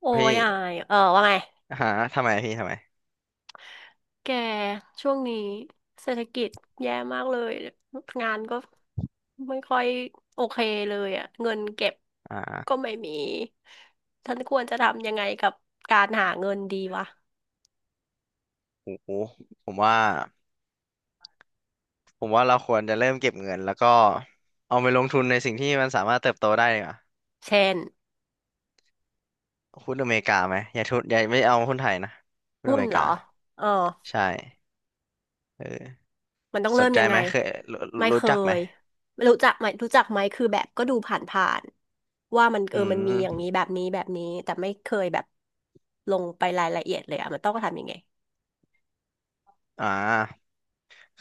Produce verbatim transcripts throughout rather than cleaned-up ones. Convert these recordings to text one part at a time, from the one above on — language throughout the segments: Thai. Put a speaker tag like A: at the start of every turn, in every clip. A: โอ้
B: พี่
A: ยอายเออว่าไง
B: หาทำไมพี่ทำไม
A: แกช่วงนี้เศรษฐกิจแย่มากเลย งานก็ไม่ค่อยโอเคเลยอ่ะเงินเก็บ
B: อ
A: ก็
B: ่า
A: ไม่มีฉันควรจะทำยังไงกับการหาเงินดีวะ
B: โอ้โหผมว่าผมว่าเราควรจะเริ่มเก็บเงินแล้วก็เอาไปลงทุนในสิ่งที่มันสามารถเติบโตได้ดีกว่า
A: เช่น
B: หุ้นอเมริกาไหมอย่าทุนอย่าไม่เอาหุ้นไทยนะหุ้น
A: หุ้
B: อ
A: น
B: เมริ
A: เหรอ
B: กา
A: เออ
B: ใช่เออ
A: มันต้อง
B: ส
A: เริ่
B: น
A: ม
B: ใจ
A: ยังไง
B: ไหมเคยรู้
A: ไม่เค
B: รู้จักไหม
A: ยรู้จักไหมรู้จักไหมคือแบบก็ดูผ่านๆว่ามันเอ
B: อื
A: อมันมีอย่างนี้
B: ม
A: แบบนี้แบบนี้ แต่ไม่เคยแบบลงไปรายละเอียดเลยอ่ะมันต้องทำยังไง
B: อ่า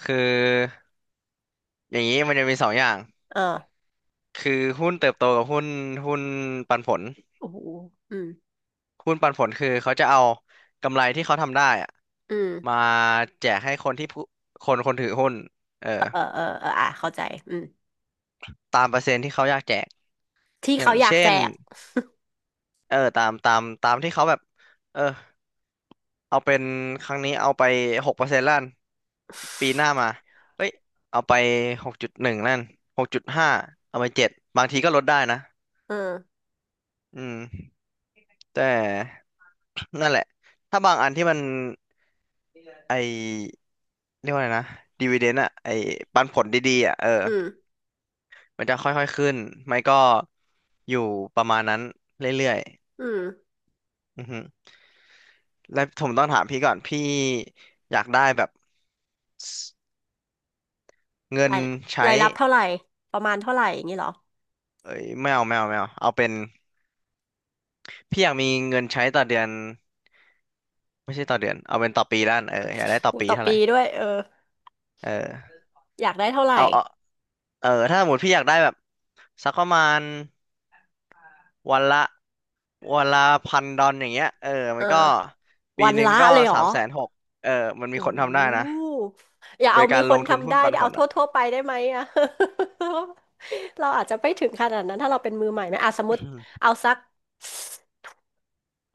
B: คืออย่างนี้มันจะมีสองอย่าง
A: เออ
B: คือหุ้นเติบโตกับหุ้นหุ้นปันผล
A: โอ้โหอืม
B: หุ้นปันผลคือเขาจะเอากำไรที่เขาทำได้อะ
A: อืม
B: มาแจกให้คนที่ผู้คนคนถือหุ้นเออ
A: เออเออเอออ่ะเข้าใจ อืม
B: ตามเปอร์เซ็นต์ที่เขาอยากแจก
A: ที่
B: อย่า
A: เขา
B: ง
A: อยาก
B: เช่
A: แจ
B: น
A: ก
B: เออตามตามตามที่เขาแบบเออเอาเป็นครั้งนี้เอาไปหกเปอร์เซ็นต์ล้านปีหน้ามาเอ้ยเอาไปหกจุดหนึ่งล้านหกจุดห้าเอาไปเจ็ดบางทีก็ลดได้นะ
A: เออ
B: อืมแต่ นั่นแหละถ้าบางอันที่มันไอเรียกว่าไงนะดีว i เดน d อะไอปันผลดีๆอะเออ
A: อืม
B: มันจะค่อยๆขึ้นไม่ก็อยู่ประมาณนั้นเรื่อย
A: อืม
B: ๆอือฮึแล้วผมต้องถามพี่ก่อนพี่อยากได้แบบสเงิน
A: ราย
B: ใช้
A: รายรับเท่าไหร่ ประมาณเท่าไหร่อย่างนี้เหรอ
B: เอ้ยไม่เอาไม่เอาไม่เอาเอาเป็นพี่อยากมีเงินใช้ต่อเดือนไม่ใช่ต่อเดือนเอาเป็นต่อปีด้านเอออยากได้ต่อ
A: อุ๊ย
B: ปี
A: ต่อ
B: เท่าไห
A: ปี
B: ร่
A: ด้วยเออ
B: เออ
A: อยากได้เท่าไหร่
B: เอาเอาเออถ้าสมมติพี่อยากได้แบบสักประมาณวันละวันละพันดอลอย่างเงี้ยเออ
A: เอ
B: มั
A: อ
B: นก็ปี
A: วัน
B: หนึ่ง
A: ละ
B: ก็
A: เลยเหร
B: สา
A: อ
B: มแสนหกเออมันมี
A: โอ้
B: คน
A: โห
B: ทำได้นะ
A: อย่า
B: โด
A: เอา
B: ย
A: มี
B: การ
A: ค
B: ล
A: น
B: งทุน
A: ทำ
B: หุ้
A: ได้
B: นปันผ
A: เอา
B: ล
A: ทั่ว
B: อ่ะ
A: ทั่วไปได้ไหมอะ เราอาจจะไม่ถึงขนาดนั้นถ้าเราเป็นมือใหม่ไหมอ่ะสมมติเอา สัก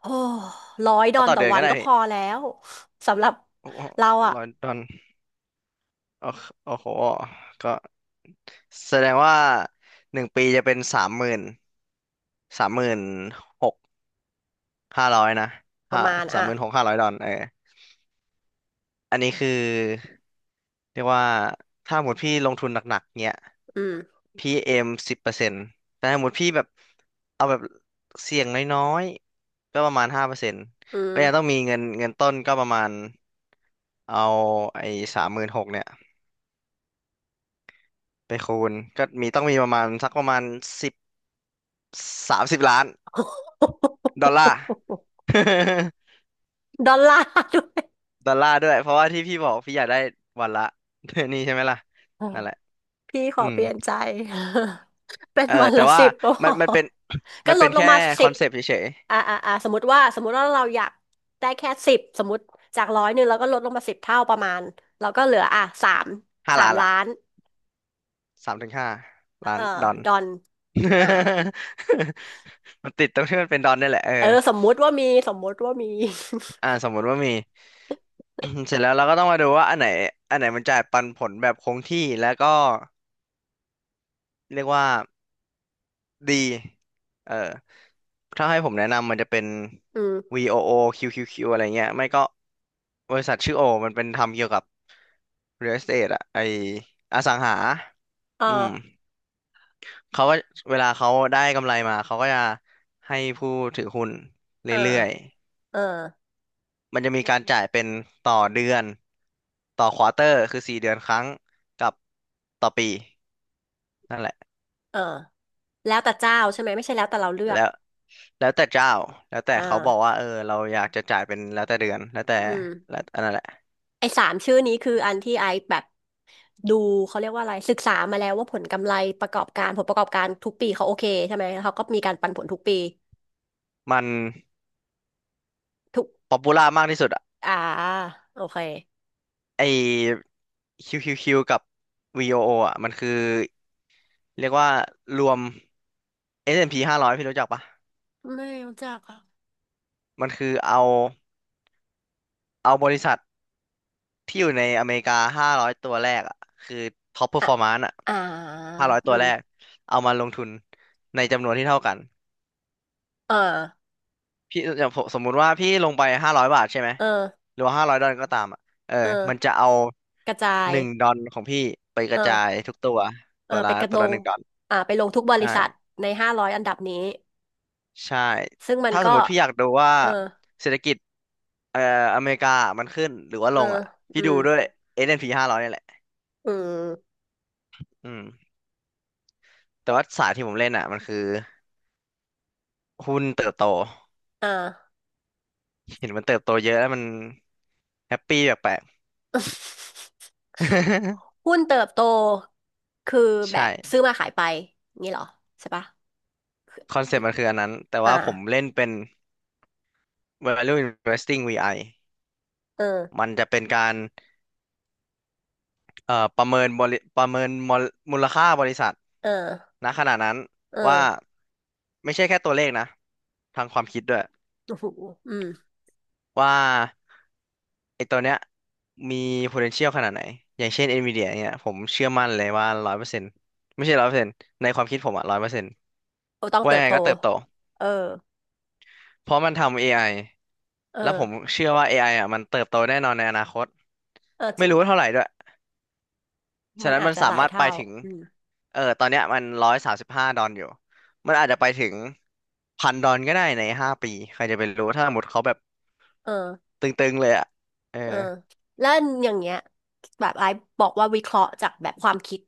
A: โอ้ร้อยดอ
B: เอา
A: น
B: ต่อ
A: ต่อ
B: เดือน
A: วั
B: ก็
A: น
B: ได้
A: ก็พ
B: พี่
A: อแล้วสำหรับเราอะ
B: ร้อยดอลโอ้โหอ้โห ก็แสดงว่าหนึ่งปีจะเป็นสามหมื่นสามหมื่นหกห้าร้อยนะ
A: ป
B: ห้า
A: ระมาณ
B: สาม
A: อ่ะ
B: หมื่นหกห้าร้อยดอลเอออันนี้คือเรียกว่าถ้าหมดพี่ลงทุนหนักๆเนี้ย
A: อืม
B: พี่เอมสิบเปอร์เซ็นต์แต่ถ้าหมดพี่แบบเอาแบบเสี่ยงน้อยๆ ก็ประมาณห้าเปอร์เซ็นต์
A: อืม
B: ก็ยังต้องมีเงินเงินต้นก็ประมาณ เอาไอ้สามหมื่นหกเนี่ยไปคูณก็มีต้องมีประมาณสักประมาณสิบสามสิบล้านดอลลาร์
A: ดอลลาร์ด้วย
B: ดอลลาร์ด้วยเพราะว่าที่พี่บอกพี่อยากได้วันละ นี่ใช่ไหมล่ะ
A: เออ
B: นั่นแหละ
A: พี่ขอ
B: อืม
A: เปลี่ยนใจ เป็น
B: เออ
A: วัน
B: แต่
A: ละ
B: ว่า
A: สิบก็พ
B: มัน
A: อ
B: มันเป็น
A: ก็
B: มัน
A: ล
B: เป็
A: ด
B: น
A: ลง
B: แค่
A: มา
B: ค
A: สิ
B: อ
A: บ
B: นเซปต์เฉย
A: อ่าอ่าอ่าสมมติว่าสมมติว่าเราอยากได้แค่สิบ สมมติจากร้อยหนึ่งเราก็ลดลงมาสิบเท่าประมาณเราก็เหลืออ่ะสาม
B: ๆห้า
A: สาม
B: ล้านละ
A: ล้าน
B: สามถึงห้าล้า
A: เอ
B: น
A: อ
B: ดอล
A: ดอนอ่า
B: มันติดตรงที่มันเป็นดอลนี่แหละเออ
A: เออสมมุติว่ามีสมมุติว่ามี
B: อ่าสมมุติว่ามี เสร็จแล้วเราก็ต้องมาดูว่าอันไหนอันไหนมันจ่ายปันผลแบบคงที่แล้วก็ เรียกว่าดี เออ ถ้าให้ผมแนะนำมันจะเป็น
A: อืม
B: วี โอ โอ คิว คิว คิว อโอคิวคิวคิวอะไรเงี้ย ไม่ก็บริษัทชื่อโอมันเป็นทำเกี่ยวกับ real estate อะไออสังหา
A: เอ
B: อืม
A: อ
B: เขาก็เวลาเขาได้กำไรมาเขาก็จะให้ผู้ถือหุ้นเร
A: เออ
B: ื่อย
A: เออ
B: ๆ มันจะมีการจ่ายเป็นต่อเดือน ต่อควอเตอร์คือสี่เดือนครั้งกับต่อปีนั่นแหละ
A: เออแล้วแต่เจ้าใช่ไหม ไม่ใช่แล้วแต่เราเลือ
B: แล้
A: ก
B: ว แล้วแต่เจ้า แล้วแต่
A: อ
B: เขาบอก
A: ่า
B: ว่า เออเราอยากจะจ่ายเป็นแล้วแต่เดือน แล้วแต่
A: อืม
B: แล้วอันนั้นแหละ
A: ไอ้สามชื่อนี้คืออันที่ไอแบบดูเขาเรียกว่าอะไรศึกษามาแล้วว่าผลกำไรประกอบการผลประกอบการทุกปีเขาโอเคใช่ไหมแล้วเขาก็มีการปันผลทุกปี
B: มัน
A: ทุก
B: ป๊อปปูล่ามากที่สุดอะ
A: อ่าโอเค
B: ไอ คิว คิว คิว กับ วี โอ โอ อโออ่ะมันคือ เรียกว่ารวม เอส แอนด์ พี ห้าร้อยพีห้าร้อยพี่รู้จักปะ
A: ไม่รู้จักอ่ะ
B: มันคือเอาเอาบริษัทที่อยู่ในอเมริกาห้าร้อยตัวแรกอ่ะคือ top
A: อ่ะ
B: performance อ่ะ
A: อ่า
B: ห้าร้อยตั
A: อื
B: ว
A: ม
B: แรก เอามาลงทุนในจำนวนที่เท่ากัน
A: เออ
B: พี่อย่างผมสมมุติว่าพี่ลงไปห้าร้อยบาทใช่ไหม
A: เออ
B: หรือว่าห้าร้อยดอลก็ตามอ่ะเออ
A: เอ
B: มัน
A: อ
B: จะเอา
A: กระจาย
B: หนึ่งดอลของพี่ไปก
A: เอ
B: ระจาย
A: อ
B: ทุกตัว
A: เออ
B: ตัว
A: ไป
B: ละ
A: กระ
B: ตั
A: ล
B: วละ
A: ง
B: หนึ่งดอล
A: อ่าไปลงทุกบริ
B: ใช่
A: ษัทในห้าร้อยอันดับนี้
B: ใช่
A: ซึ่งมัน
B: ถ้าส
A: ก็
B: มมติพี่อยากดูว่า
A: เออ
B: เศรษฐกิจเอ่ออเมริกามันขึ้นหรือว่า
A: เอ
B: ล
A: อ
B: งอ่ะพี่
A: อื
B: ดู
A: ม
B: ด้วย เอส แอนด์ พี ห้าร้อยนด์พีห้าร้อยนี่แหละ
A: อืม
B: อืมแต่ว่าสายที่ผมเล่นอ่ะมันคือหุ้นเติบโต
A: อ่า
B: เห็นมันเติบโตเยอะแล้วมันแฮปปี้แปลกๆ
A: หุ้นเติบโตคือ แบบ
B: ใช่
A: ซื้อมาขายไปงี้เหรอใช่ปะคือ
B: คอนเซ็ปต์มันคืออันนั้นแต่
A: อ่า
B: ว่าผมเล่นเป็น Value Investing วี ไอ
A: เออ
B: มันจะเป็นการเอ่อประเมินบริประเมินมอลมูลค่าบริษัท
A: เออ
B: ณขณะนั้น
A: เออ
B: ว่าไม่ใช่แค่ตัวเลขนะทางความคิดด้วย
A: โอ้โหอืม
B: ว่าไอ้ตัวเนี้ยมี potential ขนาดไหนอย่างเช่น Nvidia เนี่ยผมเชื่อมั่นเลยว่าร้อยเปอร์เซ็นต์ไม่ใช่ร้อยเปอร์เซ็นต์ในความคิดผมอะร้อยเปอร์เซ็นต์
A: โอต้อง
B: ว่า
A: เติ
B: ยั
A: บ
B: งไง
A: โต
B: ก็เติบโต
A: เออ
B: เพราะมันทำ เอ ไอ
A: เออ
B: แล้วผมเชื่อว่า เอ ไอ อไออ่ะมันเติบโตแน่นอนในอนาคต
A: เออจ
B: ไม่
A: ริง
B: รู้ว่าเท่าไหร่ด้วย ฉะ
A: มัน
B: นั้น
A: อาจ
B: มัน
A: จะ
B: สา
A: หลาย
B: มารถไป
A: เท่า
B: ถึง
A: อืม
B: เออตอนเนี้ยมันร้อยสามสิบห้าดอนอยู่มันอาจจะไปถึงพันดอนก็ได้ในห้าปี ใครจะไปรู้ถ้าหมดเขาแบบ
A: เออ
B: ตึงๆเลยอ่ะเออ
A: เออแล้วอย่างเงี้ยแบบไอ้บอกว่าวิเคราะห์จากแบบความคิด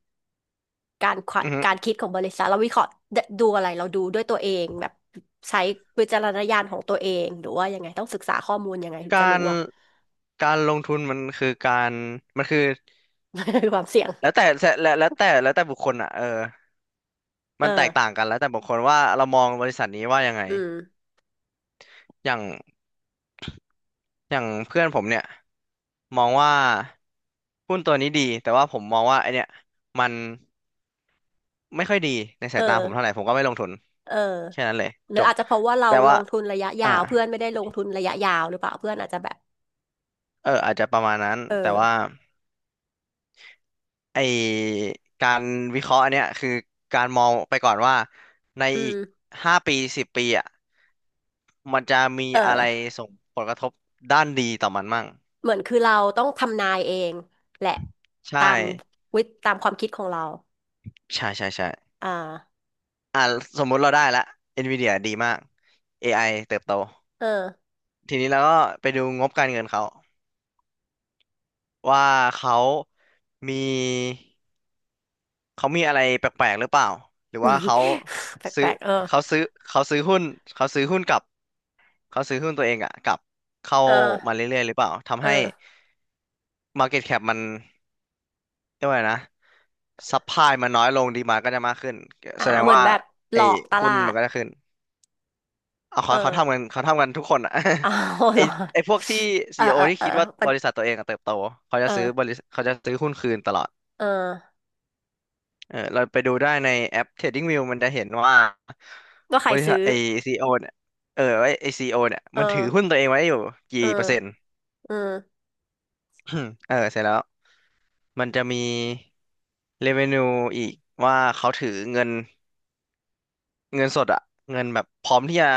A: การคว
B: อือฮึ
A: การคิดของบริษัทเราวิเคราะห์ดดูอะไรเราดูด้วยตัวเองแบบใช้วิจารณญาณของตัวเองหรือว่ายังไงต้องศึกษาข้อมูลยังไงถึง
B: กา
A: จะรู้
B: ร
A: อะ
B: การลงทุนมันคือการมันคือ
A: ความเสี่ยง
B: แล้วแต่แล้วแล้วแต่แล้วแต่บุคคลอ่ะเออ
A: เอ
B: มันแตกต่า
A: อ
B: งกันแล้วแต่บุคคลว่าเรามองบริษัทนี้ว่ายังไง
A: อืม
B: อย่างอย่างเพื่อนผมเนี่ยมองว่าหุ้นตัวนี้ดี แต่ว่าผมมองว่าไอเนี่ยมัน ไม่ค่อยดีใน
A: เ
B: สายตาผมเท่าไห
A: ออ
B: ร่ผมก็ไม่ลงทุน
A: เออ
B: แค่นั้นเลย
A: หรื
B: จ
A: อ
B: บ
A: อาจจะเพราะว่าเรา
B: แต่
A: ล
B: ว่า
A: งทุนระยะยา
B: อ่า
A: วเพื่อนไม่ได้ลงทุนระยะยาวหรือเปล่าเพื่อนอาจจะแบบ
B: เอออาจจะประมาณนั้น
A: เอ
B: แต่ว่า
A: อ
B: ไอการวิเคราะห์อันเนี้ยคือการมองไปก่อนว่าใน
A: อื
B: อีก
A: ม
B: ห้าปีสิบปีอ่ะมันจะมี
A: เอ
B: อะ
A: อ
B: ไรส่งผลกระทบด้านดีต่อมันมั่ง
A: เหมือนคือเราต้องทำนายเองแหละ
B: ใช่
A: ตามวิตตามความคิดของเรา
B: ใช่ใช่ใช่
A: อ่า
B: อ่าสมมุติเราได้ละ Nvidia ดีมาก เอ ไอ เติบโต
A: เออ
B: ทีนี้เราก็ไปดูงบการเงินเขาว่าเขามี เขามีอะไรแปลกๆหรือเปล่าหรือว่าเขา
A: แป
B: ซื้อ
A: ลกๆเออ
B: เขาซื้อเขาซื้อหุ้นเขาซื้อหุ้นกับเขาซื้อหุ้นตัวเองอะกับเข้า
A: เ
B: มา
A: ออ
B: เรื่อยๆหรือเปล่า
A: เอ
B: ทำให้
A: อ
B: มาร์เก็ตแคป มันเรียกว่าไงนะซั u พลายมันน้อยลงดีมาก็จะมากขึ้น
A: อ่า
B: แสดง
A: เหมือน
B: ว่า
A: แบบหล
B: ไอ้
A: อกต
B: หุ้
A: ลา
B: นมั
A: ด
B: นก็จะขึ้นเอา
A: เอ
B: เขา
A: อ
B: เขาทำกันเขาทำกันทุกคนอะ
A: อ้าว เห
B: ไอ้
A: รอ
B: ไอ้พวกที่
A: เอ
B: ซี
A: อ
B: อีโอ
A: เออ
B: ที่
A: เออ
B: คิดว่า
A: มั
B: บ
A: น
B: ริษัทตัวเองอะเติบโตเขา
A: เอ
B: จะซื้อบ
A: อ
B: ริษัทเขาจะซื้อหุ้นคืนตลอด
A: เออ
B: เออเราไปดูได้ในแอป เทรดดิ้งวิว มันจะเห็นว่า
A: ก็ใค
B: บ
A: ร
B: ริ
A: ซื้
B: ษัท
A: อ
B: ไอซีโอเนี่ยเออไอซีโอเนี่ย
A: เอ
B: มันถือหุ้น
A: อ
B: ตัวเองไว้อยู่
A: เอ
B: กี่
A: อ
B: เปอร์เซ็นต์
A: เออ
B: เออเสร็จแล้วมันจะมี เรฟเวนิว อีกว่าเขาถือเงินเงินสดอะเงินแบบพร้อมที่จะ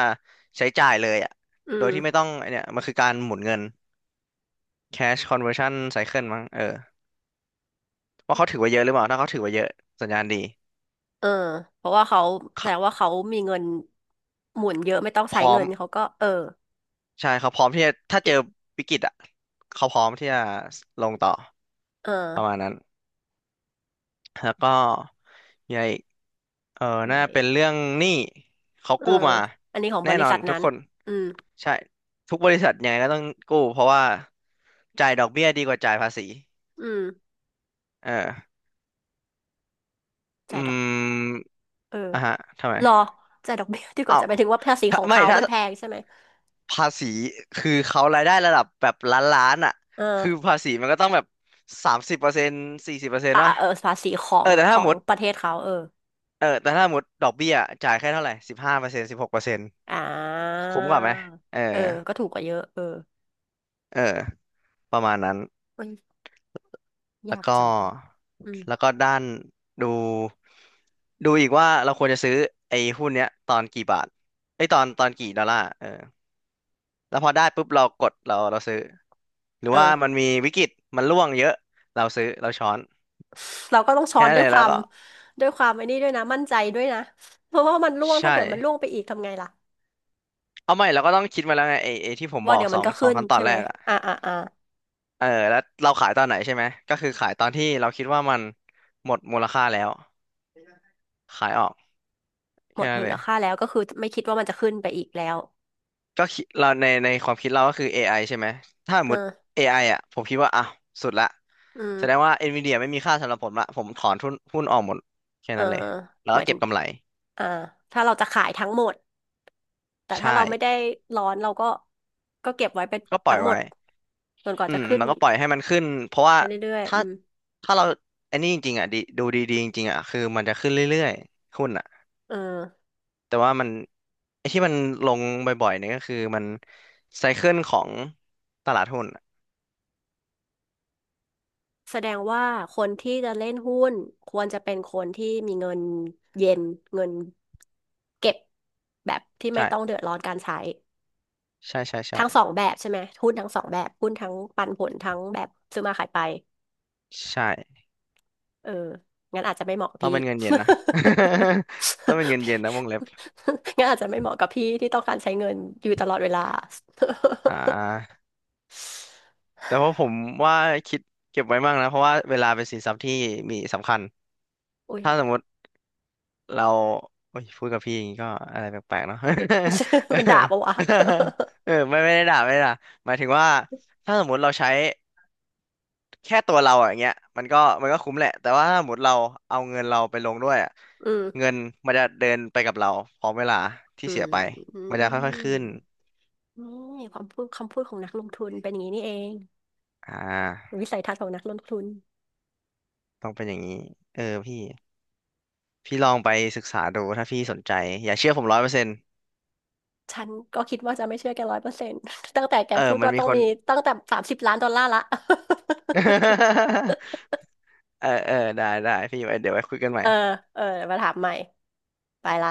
B: ใช้จ่ายเลยอะ
A: อื
B: โดย
A: ม
B: ที่ไม่ต้องไอ้เนี่ยมันคือการหมุนเงิน แคช คอนเวอร์ชั่น ไซเคิล มั้งเออว่าเขาถือไว้เยอะหรือเปล่าถ้าเขาถือไว้เยอะสัญญาณดี
A: เออเพราะว่าเขาแส
B: เขา
A: ดงว่าเขามีเงินหมุนเยอะไม่ต้อง
B: พ
A: ใช้
B: ร้อ
A: เงิ
B: ม
A: นเขาก็เออ
B: ใช่เขาพร้อมที่จะถ้าเจ
A: เก็
B: อ
A: บ
B: วิกฤตอ่ะเขาพร้อมที่จะลงต่อ
A: เออ
B: ประมาณนั้นแล้วก็มีอะไรอีกเออ
A: ยั
B: น่า
A: งไง
B: เป็นเรื่องหนี้เขา
A: เออ
B: กู้มา
A: อันนี้ของ
B: แน่
A: บริ
B: นอน
A: ษัท
B: ทุก
A: นั้น
B: คน
A: อืม
B: ใช่ทุกบริษัทยังไงก็ต้องกู้เพราะว่าจ่ายดอกเบี้ยดีกว่าจ่ายภาษี
A: อืม
B: เออ
A: จ่า
B: อื
A: ยดอก
B: ม
A: เออ
B: อ่ะฮะทำไม
A: รอจ่ายดอกเบี้ยดีก
B: เอ้า
A: ว่าจะไปถึงว่าภาษีข
B: ถ้า
A: อง
B: ไม่
A: เขา
B: ถ้า
A: มันแพงใช่ไหม
B: ภาษีคือเขารายได้ระดับแบบล้านล้านอ่ะ
A: เออ
B: คือภาษีมันก็ต้องแบบสามสิบเปอร์เซ็นต์สี่สิบเปอร์เซ็น
A: อ่ะ
B: ต์วะ
A: เออภาษีขอ
B: เออ
A: ง
B: แต่
A: ข
B: ถ้า
A: อ
B: ห
A: ง
B: มด
A: ประเทศเขาเออ
B: เออแต่ถ้าสมมติดอกเบี้ยจ่ายแค่เท่าไหร่สิบห้าเปอร์เซ็นต์สิบหกเปอร์เซ็นต์
A: อ่า
B: คุ้มกว่าไหมเออ
A: เออก็ถูกกว่าเยอะเออ
B: เออประมาณนั้น
A: เอ้ย
B: แล้ว
A: ยาก
B: ก็
A: จังวะอืม
B: แล้วก็ด้านดูดูอีกว่าเราควรจะซื้อไอ้หุ้นเนี้ยตอนกี่บาทไอ้ยตอนตอนกี่ดอลลาร์เออแล้วพอได้ปุ๊บเรากดเราเราซื้อหรือ
A: เอ
B: ว่า
A: อ
B: มันมีวิกฤตมันร่วงเยอะเราซื้อเราช้อน
A: เราก็ต้องช้อ
B: แค่
A: น
B: นั้น
A: ด้ว
B: เล
A: ย
B: ย
A: ค
B: แล้
A: วา
B: ว
A: ม
B: ก็
A: ด้วยความไอ้นี่ด้วยนะมั่นใจด้วยนะเพราะว่ามันร่วง
B: ใช่
A: ถ้าเกิดมันร่วงไปอีกทำไงล่ะ
B: เอาไม่เราก็ต้องคิดมาแล้วไงไอ้ไอ้ที่ผมบ
A: ว่า
B: อก
A: เดี๋ยว
B: ส
A: มั
B: อ
A: น
B: ง
A: ก็
B: สอ
A: ขึ้
B: ง
A: น
B: ขั้นตอ
A: ใช่
B: นแร
A: ไหม
B: กอะ
A: อ่าอ่าอ่า
B: เออแล้วเราขายตอนไหนใช่ไหมก็คือขายตอนที่เราคิดว่ามันหมดมูลค่าแล้วขายออก
A: หม
B: แค่
A: ด
B: นั้น
A: มู
B: เล
A: ล
B: ย
A: ค่าแล้วก็คือไม่คิดว่ามันจะขึ้นไปอีกแล้ว
B: ก็คิดเราในในความคิดเราก็คือ เอ ไอ ใช่ไหมถ้าสม
A: เอ
B: ม
A: อ
B: ติเอไ i อ่ะผมคิดว่าอ่ะสุดละ
A: อื
B: แสดง
A: ม
B: ว่า NVIDIA ไม่มีค่าสำหรับผมละผมถอนทุนหุ้นออกหมดแค่
A: เออ
B: นั้นเลยแล้ว
A: ห
B: ก็
A: มายถึ
B: เก็บ
A: ง
B: กำไร
A: อ่าถ้าเราจะขายทั้งหมดแต่
B: ใช่
A: ถ้าเราไม่ได้ร้อนเราก็ก็เก็บไว้เป็น
B: ก็ปล่อ
A: ทั้ง
B: ย
A: หม
B: ไว้
A: ดจนกว่า
B: อื
A: จะ
B: ม
A: ขึ้น
B: แล้วก็ปล่อยให้มันขึ้นเพราะว่า
A: ไปเรื่อยๆ
B: ถ้า
A: อืม
B: ถ้าเราไอันนี้จริงๆอ่ะดีดูดีๆจริงๆอ่ะคือมันจะขึ้นเรื่อยๆหุ้นอ่ะ
A: เออ
B: แต่ว่ามันไอ้ที่มันลงบ่อยๆเนี่ยก็คือมันไซเคิลของตลาดหุ้นอะ
A: แสดงว่าคนที่จะเล่นหุ้นควรจะเป็นคนที่มีเงินเย็นเงิน เก็บแบบที่ไม่ต้อง
B: ใช่
A: เดือดร้อนการใช้
B: ใช่ใช่
A: ทั้งสอ
B: ใช่
A: งแบบใช่ไหมหุ้นทั้งสองแบบหุ้นทั้งปันผลทั้งแบบซื้อมาขายไป
B: ใช่
A: เอองั้นอาจจะไม่เหมาะกับ
B: ต้อง
A: พี่
B: เป็นเงินเย็นนะ ต้องเป็น เงิน
A: พี
B: เย็นนะวงเล็บ
A: ่งั้นอาจจะไม่เหมาะกับพี่ที่ต้องการใช้เงินอยู่ตลอดเวลา
B: อ่าแต่ว่าผมว่าคิดเก็บไว้มางนะเพราะว่าเวลาเป็นสินทรัพย์ที่มีสำคัญ
A: อุ้ย
B: ถ้าสมมติเราโอ้ยพูดกับพี่อย่างนี้ก็อะไรแปลกๆเนาะ
A: มันด่าปะวะ
B: เออไม่ไม่ได้ด่าไม่ได้ด่าหมายถึงว่าถ้าสมมติเราใช้ แค่ตัวเราอะอย่างเงี้ยมันก็มันก็คุ้มแหละแต่ว่าถ้าหมดเราเอาเงินเราไปลงด้วยอะ
A: อืม
B: เงินมันจะเดินไปกับเราพร้อมเวลาที่
A: อื
B: เสีย
A: ม
B: ไป
A: อื
B: มันจะค่อยๆขึ้
A: ม
B: น
A: นี่ความพูดคำพูดของนักลงทุนเป็นอย่างนี้นี่เอง
B: อ่า
A: วิสัยทัศน์ของนักลงทุน
B: ต้องเป็นอย่างนี้เออพี่พี่ลองไปศึกษาดูถ้าพี่สนใจอย่าเชื่อผมร้อยเปอร์เซ็นต์
A: ฉันก็คิดว่าจะไม่เชื่อแกร้อยเปอร์เซ็นต์ ตั้งแต่แก
B: เออ
A: พูด
B: มัน
A: ว่า
B: มี
A: ต้อง
B: คน
A: มีตั้งแต่สามสิบล้านดอลลาร์ละ
B: เออเออได้ได้พี่ไว้เดี๋ยวไว้คุยกันใหม่
A: เออเออมาถามใหม่ไปละ